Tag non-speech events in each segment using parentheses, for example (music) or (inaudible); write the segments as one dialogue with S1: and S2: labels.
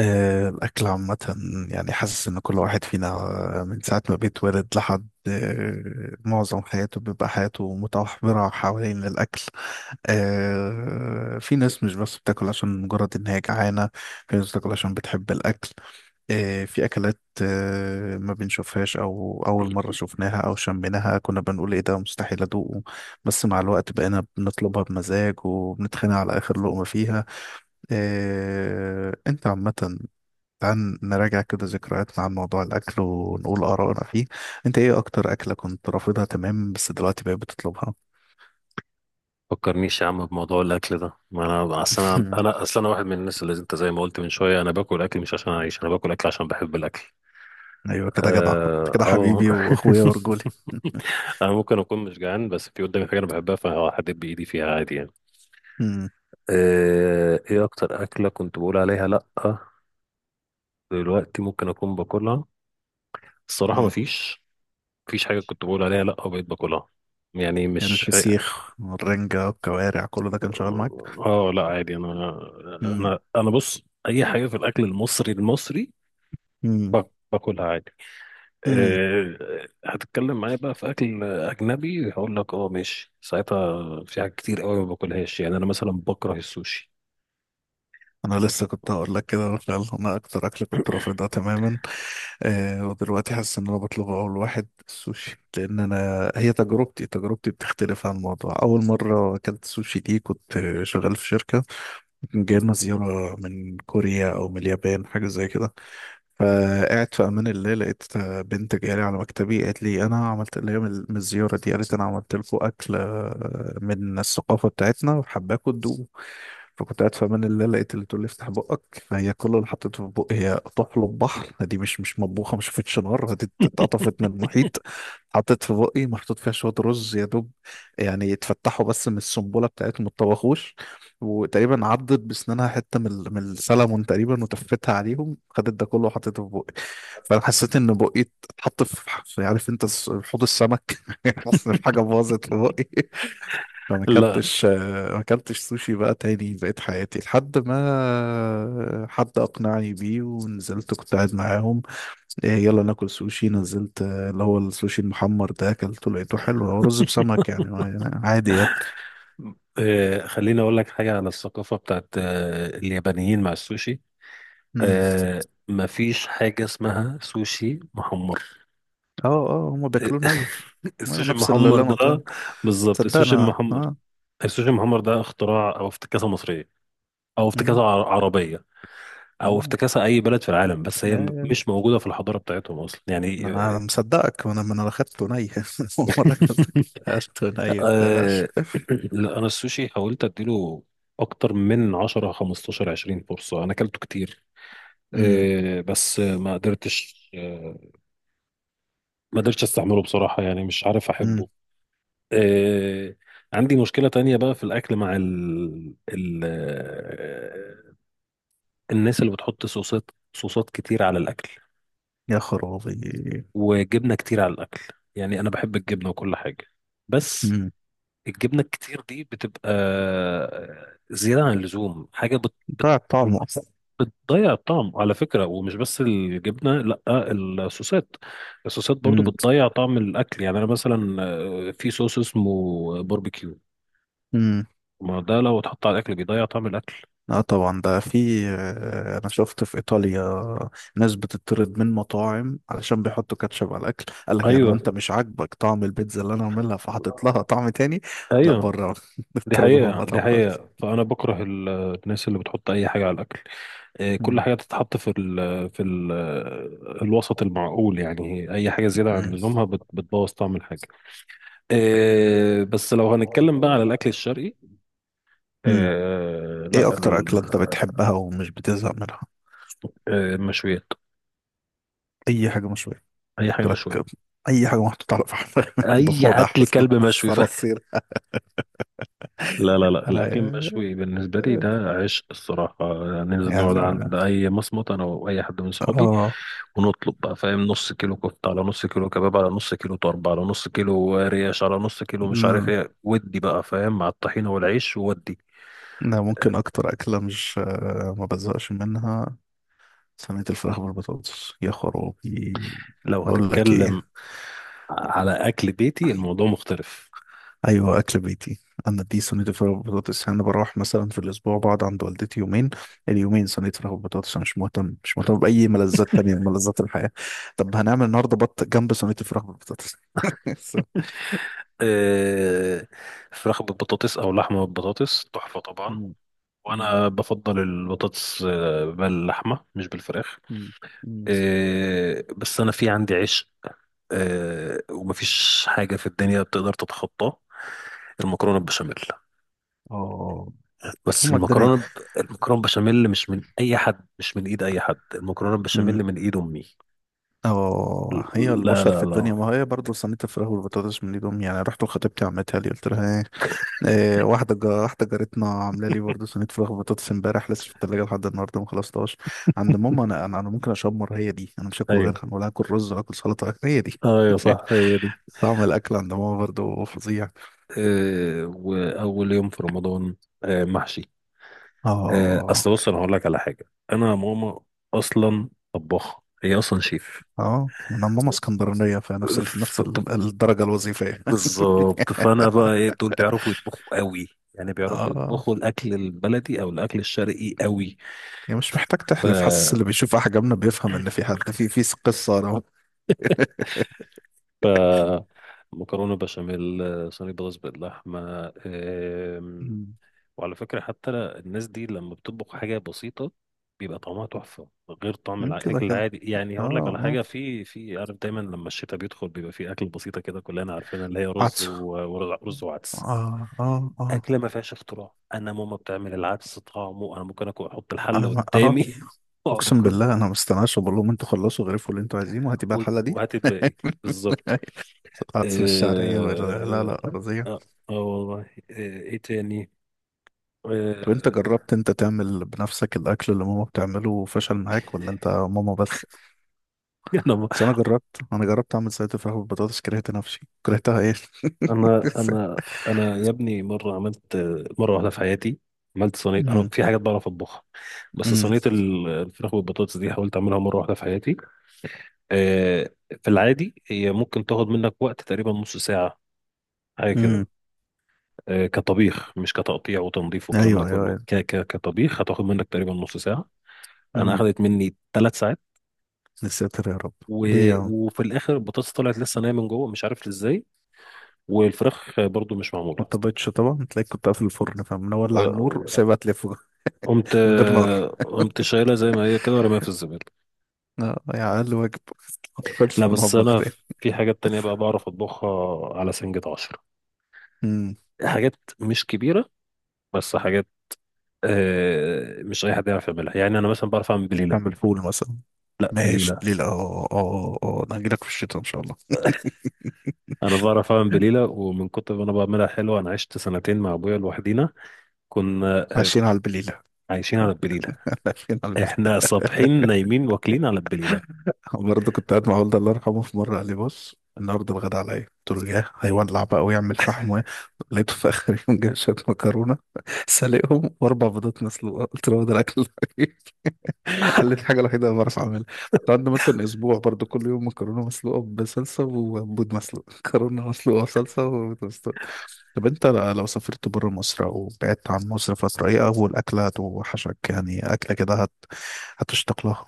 S1: الأكل عامة، يعني حاسس إن كل واحد فينا، من ساعة ما بيتولد لحد معظم حياته بيبقى حياته متمحورة حوالين الأكل. في ناس مش بس بتاكل عشان مجرد إن هي جعانة، في ناس بتاكل عشان بتحب الأكل. في أكلات ما بنشوفهاش أو أول مرة شفناها أو شميناها كنا بنقول إيه ده مستحيل أدوقه، بس مع الوقت بقينا بنطلبها بمزاج وبنتخانق على آخر لقمة فيها. انت عامة، تعال نراجع كده ذكرياتنا عن موضوع الأكل ونقول آرائنا فيه. أنت إيه أكتر أكلة كنت رافضها تمام بس دلوقتي بقيت بتطلبها؟
S2: فكرنيش يا عم بموضوع الاكل ده. ما انا اصل انا
S1: (laughs)
S2: انا اصل انا واحد من الناس اللي انت زي ما قلت من شويه. انا باكل اكل مش عشان اعيش، انا باكل اكل عشان بحب الاكل.
S1: أيوة كده جدع. أنت
S2: اه
S1: كده
S2: أو... (laughs)
S1: حبيبي وأخويا ورجولي. (laughs)
S2: انا ممكن اكون مش جعان، بس في قدامي حاجه انا بحبها فهحدد بايدي فيها عادي يعني.
S1: مم.
S2: ايه اكتر اكله كنت بقول عليها لا دلوقتي ممكن اكون باكلها؟ الصراحه ما
S1: مم.
S2: فيش مفيش مفيش حاجه كنت بقول عليها لا وبقيت باكلها. يعني
S1: يعني
S2: مش.
S1: الفسيخ والرنجة والكوارع كله ده كان شغال معاك؟
S2: اه، لا عادي. انا
S1: (laughs) مم.
S2: انا انا بص، اي حاجه في الاكل المصري المصري
S1: مم.
S2: باكلها عادي.
S1: مم.
S2: أه، هتتكلم معايا بقى في اكل اجنبي هقول لك اه ماشي. ساعتها في حاجات كتير قوي ما باكلهاش، يعني انا مثلا بكره السوشي.
S1: أنا لسه كنت هقول لك كده، فعلا أنا أكتر أكلة كنت رافضها تماما آه ودلوقتي حاسس ان انا بطلب اول واحد السوشي، لان انا هي تجربتي بتختلف عن الموضوع. اول مره اكلت سوشي دي كنت شغال في شركه، كان جاي لنا زياره من كوريا او من اليابان حاجه زي كده. فقعدت في امان الله لقيت بنت جايه لي على مكتبي قالت لي انا عملت اللي هي من الزياره دي، قالت انا عملت لكم اكل من الثقافه بتاعتنا وحباكم. فكنت قاعد في امان الله لقيت اللي تقول لي افتح بقك، فهي كل اللي حطيته في بقي هي طحلب بحر، دي مش مطبوخه ما شافتش نار، دي اتقطفت من المحيط. حطيت في بقي محطوط فيها شويه رز يا دوب، يعني يتفتحوا بس من السنبله بتاعتهم ما اتطبخوش. وتقريبا عضت بسنانها حته من السلمون تقريبا وتفتها عليهم، خدت ده كله وحطيته في بقي. فانا حسيت ان بقي اتحط في عارف انت حوض السمك. (laughs) حاسس ان في حاجه باظت في بقي. انا ما
S2: لا،
S1: اكلتش ما اكلتش سوشي بقى تاني بقيت حياتي لحد ما حد اقنعني بيه، ونزلت كنت قاعد معاهم. إيه يلا ناكل سوشي، نزلت اللي هو السوشي المحمر ده اكلته لقيته حلو، هو رز بسمك، يعني يعني عادي يعني.
S2: أه خليني اقول لك حاجه على الثقافه بتاعت أه اليابانيين مع السوشي.
S1: مم.
S2: أه، مفيش حاجه اسمها سوشي محمر.
S1: اه اه هما بياكلوه ني،
S2: (laughs)
S1: أيوة،
S2: السوشي
S1: نفس اللي
S2: المحمر
S1: اللي انا
S2: ده
S1: قلتها،
S2: بالظبط، السوشي
S1: تصدقنا
S2: المحمر.
S1: اه.
S2: السوشي المحمر ده اختراع او افتكاسه مصريه، او افتكاسه
S1: مم.
S2: عربيه، او
S1: مم.
S2: افتكاسه اي بلد في العالم. بس هي م-
S1: آه.
S2: مش موجوده في الحضاره بتاعتهم اصلا يعني.
S1: ما انا
S2: (laughs)
S1: مصدقك، ما انا ما انا اخدته ني. (laughs) أول مرة اكلته، اكلته ني متقلقش.
S2: آه، لا انا السوشي حاولت اديله اكتر من 10 15 20 فرصه، انا اكلته كتير.
S1: مم.
S2: آه، بس ما قدرتش استعمله بصراحه، يعني مش عارف
S1: مم.
S2: احبه. آه، عندي مشكله تانية بقى في الاكل مع ال... ال... آه، الناس اللي بتحط صوصات كتير على الاكل،
S1: يا خرابي.
S2: وجبنة كتير على الأكل. يعني أنا بحب الجبنة وكل حاجة، بس
S1: امم.
S2: الجبنة الكتير دي بتبقى زيادة عن اللزوم. حاجة
S1: ده طعمه اصلا.
S2: بتضيع الطعم على فكرة. ومش بس الجبنة، لأ، الصوصات، الصوصات برضو
S1: امم.
S2: بتضيع طعم الأكل. يعني أنا مثلا آه، في صوص اسمه باربيكيو،
S1: امم.
S2: ما ده لو اتحط على الأكل بيضيع طعم الأكل.
S1: اه طبعا، ده في انا شفت في ايطاليا ناس بتطرد من مطاعم علشان بيحطوا كاتشب على الاكل، قال لك يعني هو
S2: أيوه،
S1: انت مش عاجبك طعم البيتزا اللي انا عاملها فحاطط لها طعم تاني؟ لا
S2: أيوه،
S1: بره. (laughs)
S2: دي
S1: اطردوا من
S2: حقيقة، دي
S1: المطعم خالص.
S2: حقيقة. فأنا بكره الناس اللي بتحط أي حاجة على الأكل. إيه، كل
S1: امم.
S2: حاجة تتحط في الوسط المعقول. يعني أي حاجة زيادة عن
S1: امم.
S2: لزومها بتبوظ طعم الحاجة. إيه، بس لو هنتكلم بقى على الأكل الشرقي،
S1: امم.
S2: إيه، لا
S1: ايه اكتر
S2: ال-
S1: اكله انت بتحبها ومش بتزهق منها؟
S2: إيه، المشويات.
S1: اي حاجه مشويه،
S2: أي حاجة
S1: قلت لك،
S2: مشوية،
S1: اي حاجه محطوطه على فحم. (laughs)
S2: أي
S1: ضفادع،
S2: أكل كلب مشوي. (laughs)
S1: صراصير. (laughs)
S2: لا، لا، لا، الأكل
S1: انا
S2: المشوي بالنسبة لي ده عشق الصراحة. ننزل
S1: يعني
S2: نقعد عند أي مصمت أنا وأي حد من صحابي،
S1: اه.
S2: ونطلب بقى فاهم نص كيلو كفتة على نص كيلو كباب على نص كيلو طرب على نص كيلو ريش على نص كيلو مش عارف
S1: أمم،
S2: إيه، ودي بقى فاهم مع الطحينة والعيش وودي.
S1: انا ممكن اكتر اكله مش آه، ما بزهقش منها صينيه الفراخ بالبطاطس، يا خرابي.
S2: لو
S1: بقول لك
S2: هتتكلم
S1: ايه،
S2: على أكل بيتي الموضوع مختلف.
S1: ايوه اكل بيتي. انا دي صينيه الفراخ بالبطاطس، يعني انا بروح مثلا في الاسبوع بقعد عند والدتي يومين، اليومين صينيه فراخ بالبطاطس. انا مش مهتم باي ملذات تانية من ملذات الحياه. طب هنعمل النهارده بط جنب صينيه الفراخ بالبطاطس. (laughs)
S2: آه، فراخ بالبطاطس أو لحمة بالبطاطس تحفة طبعا.
S1: أمم، أمم،
S2: وأنا بفضل البطاطس آه، باللحمة مش بالفراخ.
S1: أمم، أمم.
S2: آه، بس انا في عندي عشق آه، ومفيش حاجه في الدنيا بتقدر تتخطاه. المكرونه البشاميل.
S1: اه
S2: بس
S1: هما الدنيا.
S2: المكرونه ب... المكرونه البشاميل مش من اي حد، مش من ايد اي حد، المكرونه البشاميل
S1: مم.
S2: من ايد امي.
S1: اه هي
S2: لا،
S1: البشر في
S2: لا،
S1: الدنيا،
S2: لا.
S1: ما هي برضه صينية الفراخ والبطاطس من ايدهم. يعني رحت لخطيبتي عمتها لي، قلت لها ايه، إيه، واحدة جارتنا عاملة لي برضه صينية فراخ وبطاطس امبارح، لسه في التلاجة لحد النهاردة ما خلصتهاش. عند ماما انا، انا ممكن اشمر هي دي، انا مش هاكل
S2: ايوه،
S1: غيرها ولا هاكل رز ولا هاكل سلطة، هي دي.
S2: ايوه، صح، هي دي.
S1: طعم الاكل عند ماما برضه فظيع.
S2: آه، واول يوم في رمضان آه، محشي. آه، اصل
S1: اه
S2: بص انا هقول لك على حاجه. انا ماما اصلا طباخه، هي اصلا شيف.
S1: اه انا ماما اسكندرانية، فنفس نفس الدرجة الوظيفية.
S2: بالظبط. فانا بقى ايه دول بيعرفوا يطبخوا قوي. يعني
S1: (laughs)
S2: بيعرفوا
S1: اه
S2: يطبخوا الاكل البلدي او الاكل الشرقي قوي.
S1: يعني مش محتاج
S2: ف
S1: تحلف، حاسس اللي بيشوف احجامنا بيفهم ان في حد في قصة.
S2: ف مكرونه بشاميل آه، صينيه بطاطس باللحمه أم،
S1: مم.
S2: وعلى فكره حتى الناس دي لما بتطبخ حاجه بسيطه بيبقى طعمها تحفه، غير طعم
S1: مم، كده
S2: الاكل
S1: كده.
S2: العادي. يعني هقول لك
S1: اه
S2: على
S1: اه.
S2: حاجه، في في عارف، دايما لما الشتاء بيدخل بيبقى في اكل بسيطه كده كلنا عارفينها، اللي هي رز
S1: عطس.
S2: و- ورز وعدس.
S1: اه اه اه.
S2: اكله ما فيهاش اختراع. انا ماما بتعمل العدس طعمه انا ممكن اكل احط الحله
S1: انا ما اه.
S2: قدامي (laughs) واقعد
S1: اقسم
S2: اكل
S1: بالله
S2: منه.
S1: انا ما استناش وبقول لهم انتوا خلصوا غرفوا اللي انتوا عايزينه، هاتي بقى الحله دي.
S2: وهات
S1: (laughs)
S2: الباقي. بالظبط.
S1: العدس الشعريه لا
S2: اه،
S1: لا ارضيه.
S2: اه، آه والله. آه، ايه تاني؟
S1: طب انت
S2: آه،
S1: جربت انت تعمل بنفسك الاكل اللي ماما بتعمله وفشل معاك ولا انت ماما بس؟
S2: (laughs) انا
S1: بس انا جربت، انا جربت اعمل سلطه فراخ بالبطاطس، كرهت نفسي، كرهتها ايه.
S2: انا انا انا يا ابني مره عملت، مره واحده في حياتي عملت
S1: (laughs)
S2: صينيه. انا
S1: امم.
S2: في حاجات بعرف اطبخها، بس
S1: امم.
S2: صينيه الفراخ والبطاطس دي حاولت اعملها مره واحده في حياتي. آه، في العادي هي ممكن تاخد منك وقت تقريبا نص ساعه، حاجه كده.
S1: امم.
S2: آه، كطبيخ مش كتقطيع وتنظيف والكلام ده
S1: ايوه ايوه
S2: كله.
S1: ايوه.
S2: ك ك كطبيخ هتاخد منك تقريبا نص ساعة. أنا
S1: امم.
S2: أخدت مني 3 ساعات.
S1: يا ساتر يا رب.
S2: و...
S1: ليه يا عم؟
S2: وفي الآخر البطاطس طلعت لسه ناية من جوه مش عارف إزاي، والفراخ آه، برضو مش
S1: ما
S2: معمولة.
S1: اضطريتش طبعا، تلاقيك كنت قافل الفرن فمنولع النور
S2: آه،
S1: وسايبها تلف.
S2: قمت
S1: (laughs) من غير نار،
S2: آه، قمت شايلها زي ما هي كده ورميها في الزبالة.
S1: يعني اقل واجب. (laughs) ما تدخلش
S2: لا،
S1: في
S2: بس
S1: المطبخ
S2: أنا
S1: تاني.
S2: في حاجات تانية بقى بعرف أطبخها على سنجة عشرة.
S1: امم.
S2: حاجات مش كبيرة، بس حاجات آه، مش أي حد يعرف يعملها. يعني أنا مثلا بعرف أعمل بليلة.
S1: تعمل فول مثلا؟
S2: لا،
S1: ماشي
S2: بليلة.
S1: بليلة، اه اه اه. آه. انا هجيلك في الشتاء ان شاء الله.
S2: انا بعرف اعمل بليله، ومن كتر ما انا بعملها حلوه انا عشت سنتين مع ابويا لوحدينا. كنا آه،
S1: عايشين على البليلة،
S2: عايشين على البليله.
S1: عايشين على البليلة.
S2: احنا صابحين نايمين واكلين على البليله.
S1: (laughs) برضه كنت قاعد مع والدي الله يرحمه، في مرة قال لي بص النهارده الغدا عليا، قلت له ياه هيولع بقى ويعمل فحم (laughs) لقيته في اخر يوم جاب شوية مكرونة. (laughs) سلقهم واربع بيضات مسلوقة، قلت له هو ده الاكل؟ (laughs) (laughs) قالت الحاجة الوحيدة اللي بعرف أعملها. قعدنا مثلا أسبوع برضو كل يوم مكرونة مسلوقة بصلصة وبيض مسلوق. (laughs) مكرونة مسلوقة بصلصة وبيض مسلوق. طب أنت لو سافرت برا مصر أو بعدت عن مصر فترة، إيه أول أكلة هتوحشك؟ يعني أكلة كده هتشتاق لها.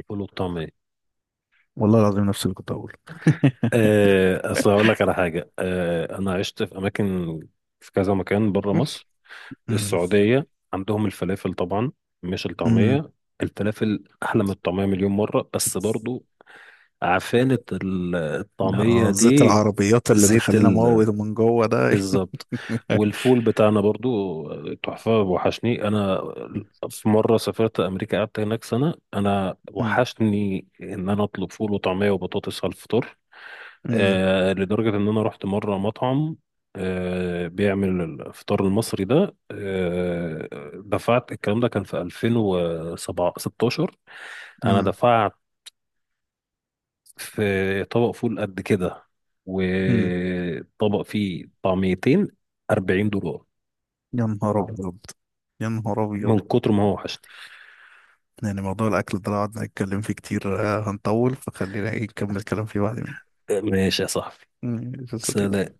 S2: الفول والطعميه.
S1: والله العظيم نفس اللي كنت أقوله. (laughs)
S2: آه، اصل هقول لك على حاجه. آه، انا عشت في اماكن، في كذا مكان بره مصر.
S1: أمم،
S2: السعوديه عندهم الفلافل طبعا، مش
S1: أمم.
S2: الطعميه. الفلافل احلى من الطعميه مليون مره. بس برضو عفانه الطعميه
S1: لا، زيت
S2: دي
S1: العربيات اللي
S2: زيت.
S1: بيخلينا موت من جوه ده. (laughs)
S2: بالظبط. والفول بتاعنا برضو آه، تحفة. وحشني أنا. في مرة سافرت أمريكا قعدت هناك سنة. أنا
S1: أمم،
S2: وحشني إن أنا أطلب فول وطعمية وبطاطس على الفطار.
S1: أمم،
S2: آه، لدرجة إن أنا رحت مرة مطعم آه بيعمل الفطار المصري ده. آه، دفعت، الكلام ده كان في 2016. أنا
S1: أمم،
S2: دفعت في طبق فول قد كده
S1: أمم.
S2: وطبق فيه طعميتين $40.
S1: يا نهار أبيض، يا نهار أبيض.
S2: من كتر ما هو وحشتي.
S1: يعني موضوع الأكل ده لو قعدنا نتكلم فيه كتير هنطول، فخلينا نكمل كلام فيه بعدين.
S2: ماشي يا صاحبي.
S1: ماشي يا
S2: سلام.
S1: صديقي.